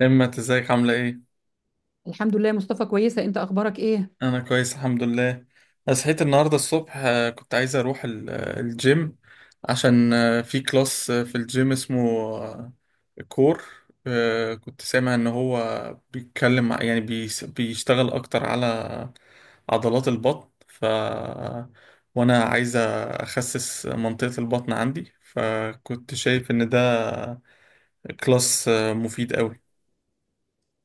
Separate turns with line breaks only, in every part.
همت، ازيك؟ عاملة ايه؟
الحمد لله يا مصطفى، كويسة. انت اخبارك ايه؟
أنا كويس الحمد لله. أنا صحيت النهاردة الصبح. كنت عايز أروح الجيم عشان في كلاس في الجيم اسمه آه، كور. كنت سامع إن هو بيتكلم بيشتغل أكتر على عضلات البطن، ف وأنا عايز أخسس منطقة البطن عندي، فكنت شايف إن ده كلاس مفيد أوي.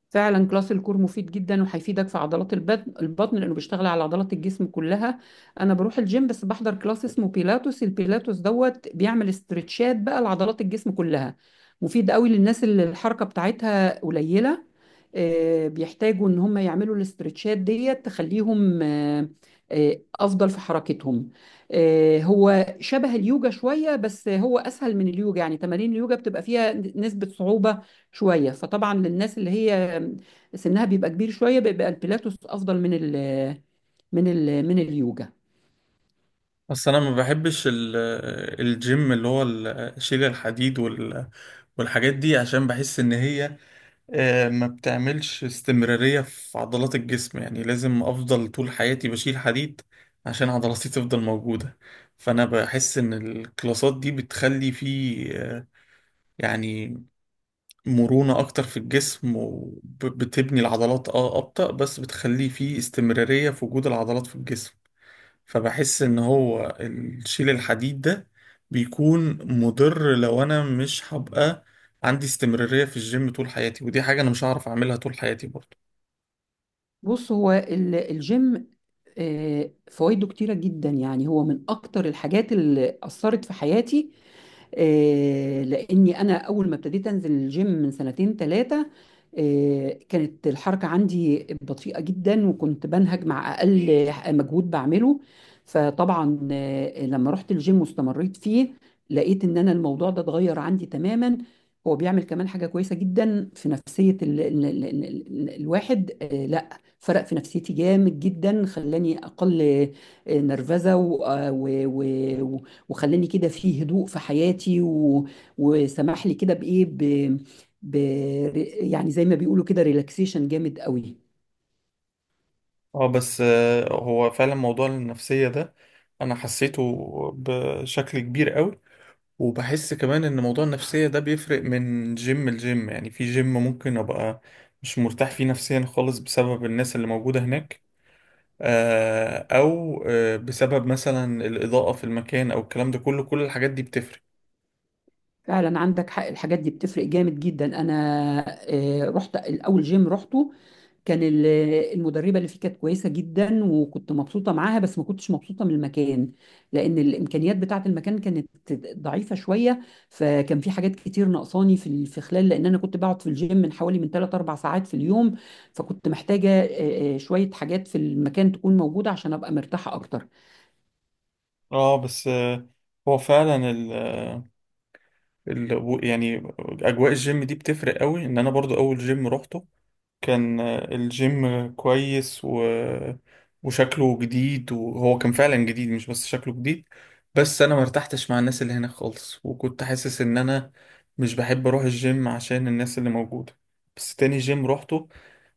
فعلا كلاس الكور مفيد جدا وهيفيدك في عضلات البطن لانه بيشتغل على عضلات الجسم كلها. انا بروح الجيم، بس بحضر كلاس اسمه بيلاتوس. البيلاتوس دوت بيعمل استرتشات بقى لعضلات الجسم كلها. مفيد قوي للناس اللي الحركة بتاعتها قليلة، بيحتاجوا ان هم يعملوا الاسترتشات ديت تخليهم افضل في حركتهم. هو شبه اليوجا شوية، بس هو اسهل من اليوجا. يعني تمارين اليوجا بتبقى فيها نسبة صعوبة شوية، فطبعا للناس اللي هي سنها بيبقى كبير شوية بيبقى البيلاتوس أفضل من ال من ال من اليوجا.
بس انا ما بحبش الجيم اللي هو شيل الحديد والحاجات دي، عشان بحس ان هي ما بتعملش استمرارية في عضلات الجسم، يعني لازم افضل طول حياتي بشيل حديد عشان عضلاتي تفضل موجودة. فانا بحس ان الكلاسات دي بتخلي فيه يعني مرونة اكتر في الجسم، وبتبني العضلات اه ابطأ، بس بتخلي فيه استمرارية في وجود العضلات في الجسم. فبحس ان هو الشيل الحديد ده بيكون مضر لو انا مش هبقى عندي استمرارية في الجيم طول حياتي، ودي حاجة انا مش هعرف اعملها طول حياتي برضه.
بص، هو الجيم فوائده كتيرة جدا. يعني هو من أكتر الحاجات اللي أثرت في حياتي، لاني انا اول ما ابتديت انزل الجيم من سنتين ثلاثه كانت الحركه عندي بطيئه جدا، وكنت بنهج مع اقل مجهود بعمله. فطبعا لما رحت الجيم واستمريت فيه، لقيت ان انا الموضوع ده اتغير عندي تماما. هو بيعمل كمان حاجه كويسه جدا في نفسيه ال ال ال ال ال الواحد. لا، فرق في نفسيتي جامد جدا، خلاني اقل نرفزه و- وخلاني كده في هدوء في حياتي وسمح لي كده بايه ب... يعني زي ما بيقولوا كده، ريلاكسيشن جامد قوي.
اه، بس هو فعلا موضوع النفسية ده انا حسيته بشكل كبير قوي. وبحس كمان ان موضوع النفسية ده بيفرق من جيم لجيم، يعني في جيم ممكن ابقى مش مرتاح فيه نفسيا خالص بسبب الناس اللي موجودة هناك، او بسبب مثلا الاضاءه في المكان، او الكلام ده كله، كل الحاجات دي بتفرق.
فعلا عندك حق، الحاجات دي بتفرق جامد جدا. انا رحت الاول جيم رحته، كان المدربة اللي فيه كانت كويسة جدا، وكنت مبسوطة معاها، بس ما كنتش مبسوطة من المكان، لأن الإمكانيات بتاعة المكان كانت ضعيفة شوية. فكان في حاجات كتير ناقصاني في في خلال، لأن أنا كنت بقعد في الجيم من حوالي من 3 4 ساعات في اليوم، فكنت محتاجة شوية حاجات في المكان تكون موجودة عشان أبقى مرتاحة أكتر.
اه، بس آه، هو فعلا ال آه، ال يعني اجواء الجيم دي بتفرق قوي. ان انا برضو اول جيم روحته كان الجيم كويس و وشكله جديد، وهو كان فعلا جديد مش بس شكله جديد، بس انا ما ارتحتش مع الناس اللي هناك خالص، وكنت حاسس ان انا مش بحب اروح الجيم عشان الناس اللي موجودة. بس تاني جيم روحته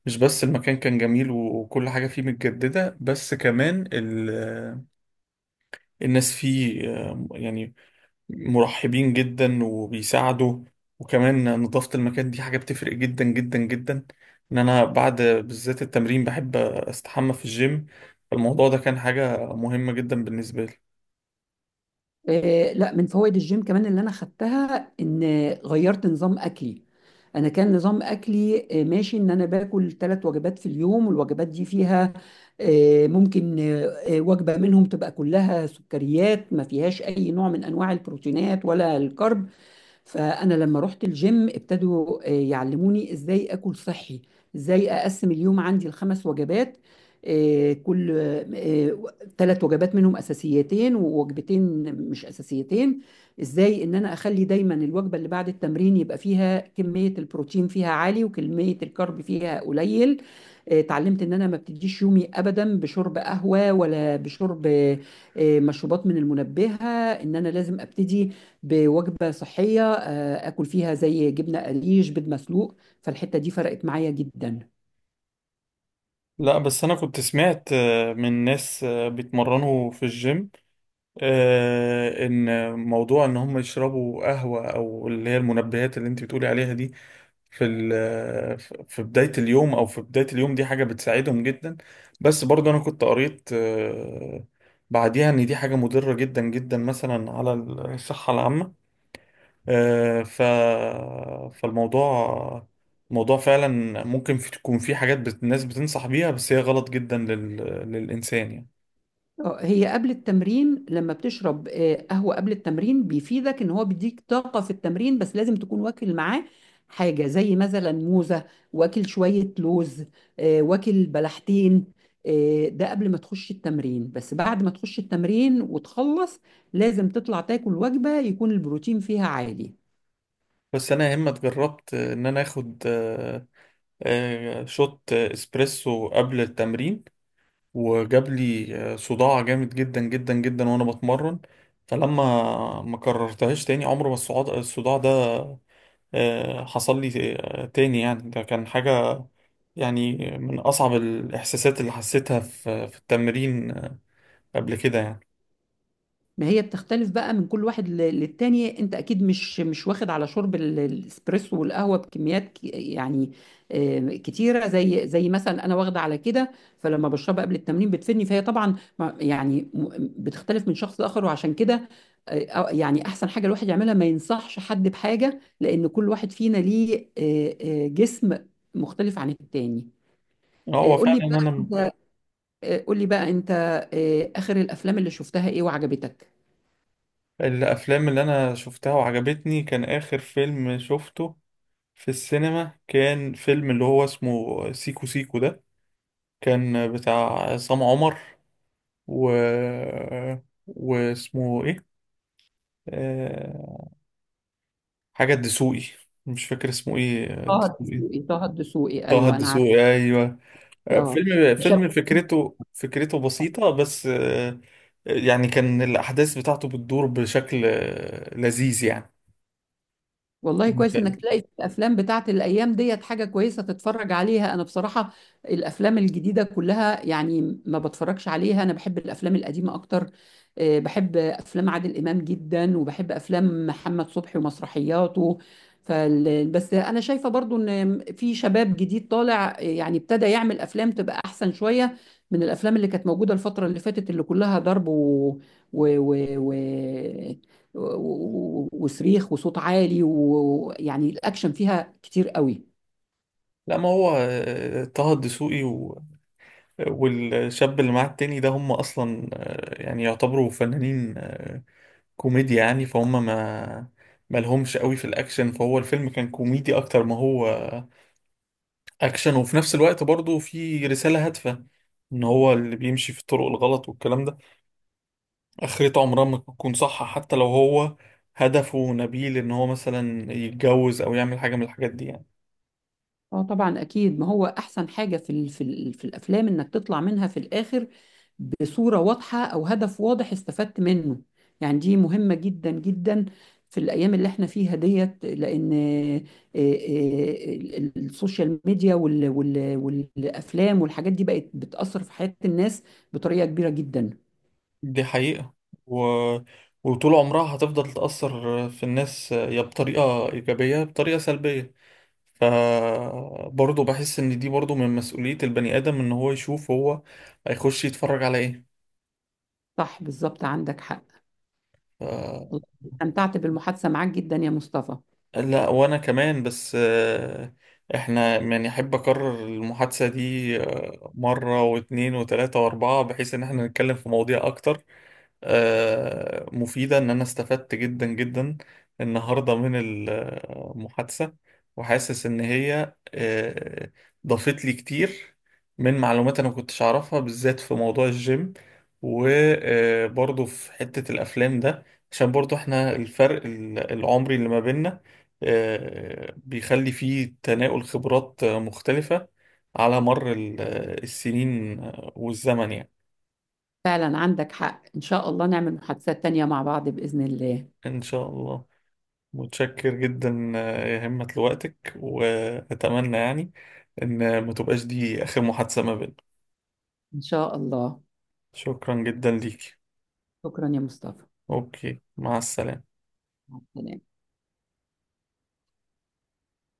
مش بس المكان كان جميل وكل حاجة فيه متجددة، بس كمان الناس فيه يعني مرحبين جدا وبيساعدوا. وكمان نظافة المكان دي حاجة بتفرق جدا جدا جدا، ان انا بعد بالذات التمرين بحب استحمى في الجيم، فالموضوع ده كان حاجة مهمة جدا بالنسبة لي.
لا، من فوائد الجيم كمان اللي انا خدتها ان غيرت نظام اكلي. انا كان نظام اكلي ماشي، ان انا باكل 3 وجبات في اليوم، والوجبات دي فيها آه، ممكن آه، آه، وجبه منهم تبقى كلها سكريات، ما فيهاش اي نوع من انواع البروتينات ولا الكرب. فأنا لما رحت الجيم ابتدوا يعلموني إزاي أكل صحي، إزاي أقسم اليوم عندي ال5 وجبات. كل 3 وجبات منهم أساسيتين، ووجبتين مش أساسيتين. إزاي إن أنا أخلي دايما الوجبة اللي بعد التمرين يبقى فيها كمية البروتين فيها عالي، وكمية الكارب فيها قليل. اتعلمت ان انا ما ابتديش يومي ابدا بشرب قهوه، ولا بشرب مشروبات من المنبهه. ان انا لازم ابتدي بوجبة صحية، آكل فيها زي جبنة قريش، بيض مسلوق. فالحتة دي فرقت معايا جدا.
لا، بس انا كنت سمعت من ناس بيتمرنوا في الجيم ان موضوع ان هم يشربوا قهوة او اللي هي المنبهات اللي انت بتقولي عليها دي في ال- في بداية اليوم أو في بداية اليوم دي حاجة بتساعدهم جدا. بس برضه أنا كنت قريت بعديها إن دي حاجة مضرة جدا جدا مثلا على الصحة العامة. آه، ف فالموضوع موضوع فعلا ممكن تكون في حاجات الناس بتنصح بيها، بس هي غلط جدا للإنسان يعني.
هي قبل التمرين، لما بتشرب قهوة قبل التمرين بيفيدك إن هو بيديك طاقة في التمرين، بس لازم تكون واكل معاه حاجة زي مثلا موزة، واكل شوية لوز، واكل بلحتين. ده قبل ما تخش التمرين، بس بعد ما تخش التمرين وتخلص لازم تطلع تاكل وجبة يكون البروتين فيها عالي.
بس أنا يا إما جربت إن أنا آخد شوت إسبريسو قبل التمرين، وجاب لي صداع جامد جدا جدا جدا وانا بتمرن. فلما ما كررتهاش تاني، عمر ما الصداع ده حصل لي تاني، يعني ده كان حاجة يعني من أصعب الإحساسات اللي حسيتها في في التمرين قبل كده يعني.
ما هي بتختلف بقى من كل واحد للتاني. انت اكيد مش واخد على شرب الاسبريسو والقهوه بكميات يعني كتيره، زي مثلا انا واخده على كده، فلما بشربها قبل التمرين بتفيدني. فهي طبعا يعني بتختلف من شخص لاخر، وعشان كده يعني احسن حاجه الواحد يعملها ما ينصحش حد بحاجه، لان كل واحد فينا ليه جسم مختلف عن التاني. آه،
هو
قول لي
فعلا
بقى
أنا
انت قول لي بقى انت اخر الافلام اللي شفتها ايه وعجبتك؟
الأفلام اللي أنا شفتها وعجبتني كان آخر فيلم شفته في السينما، كان فيلم اللي هو اسمه سيكو سيكو ده، كان بتاع عصام عمر و واسمه ايه، آه... حاجة الدسوقي، مش فاكر اسمه ايه
طه
الدسوقي.
الدسوقي، طه الدسوقي،
طه
ايوه انا عارف.
الدسوقي، ايوه. آه،
اه،
فيلم
شاب.
فيلم فكرته فكرته بسيطة بس يعني كان الأحداث بتاعته بتدور بشكل لذيذ يعني.
والله كويس
مسلي.
انك تلاقي في الافلام بتاعت الايام ديت حاجه كويسه تتفرج عليها. انا بصراحه الافلام الجديده كلها، يعني ما بتفرجش عليها. انا بحب الافلام القديمه اكتر، بحب افلام عادل امام جدا، وبحب افلام محمد صبحي ومسرحياته. بس انا شايفه برضو ان في شباب جديد طالع، يعني ابتدى يعمل افلام تبقى احسن شويه من الافلام اللي كانت موجوده الفتره اللي فاتت، اللي كلها ضرب و... و... و... وصريخ وصوت عالي، ويعني الاكشن فيها كتير قوي.
لا، ما هو طه الدسوقي والشاب اللي معاه التاني ده هم أصلا يعني يعتبروا فنانين كوميديا يعني، فهم ما ما لهمش قوي في الاكشن، فهو الفيلم كان كوميدي اكتر ما هو اكشن، وفي نفس الوقت برضه في رسالة هادفة ان هو اللي بيمشي في الطرق الغلط والكلام ده اخرته عمرها ما تكون صح، حتى لو هو هدفه نبيل ان هو مثلا يتجوز او يعمل حاجة من الحاجات دي يعني.
اه طبعا اكيد، ما هو احسن حاجه في في الافلام انك تطلع منها في الاخر بصوره واضحه او هدف واضح استفدت منه. يعني دي مهمه جدا جدا في الايام اللي احنا فيها ديت، لان آه، ال- السوشيال ميديا والافلام والحاجات دي بقت بتاثر في حياه الناس بطريقه كبيره جدا.
دي حقيقة، و وطول عمرها هتفضل تأثر في الناس، يا بطريقة إيجابية يا بطريقة سلبية، فبرضه بحس ان دي برضه من مسؤولية البني ادم ان هو يشوف هو هيخش يتفرج على ايه.
صح، بالظبط، عندك حق.
ف
استمتعت بالمحادثة معاك جدا يا مصطفى.
لا وانا كمان، بس احنا يعني احب اكرر المحادثة دي مرة واتنين وتلاتة واربعة، بحيث ان احنا نتكلم في مواضيع اكتر مفيدة. إن أنا استفدت جدا جدا النهاردة من المحادثة، وحاسس إن هي ضافت لي كتير من معلومات أنا كنتش أعرفها، بالذات في موضوع الجيم، وبرضه في حتة الأفلام ده، عشان برضه إحنا الفرق العمري اللي ما بيننا بيخلي فيه تناول خبرات مختلفة على مر السنين والزمن يعني.
فعلا عندك حق، إن شاء الله نعمل محادثات تانية مع بعض بإذن الله.
إن شاء الله. متشكر جدا يا همة لوقتك، وأتمنى يعني إن ما تبقاش دي آخر محادثة ما بيننا.
إن شاء الله.
شكرا جدا ليكي.
شكرا يا مصطفى.
أوكي، مع السلامة.
مع السلامة.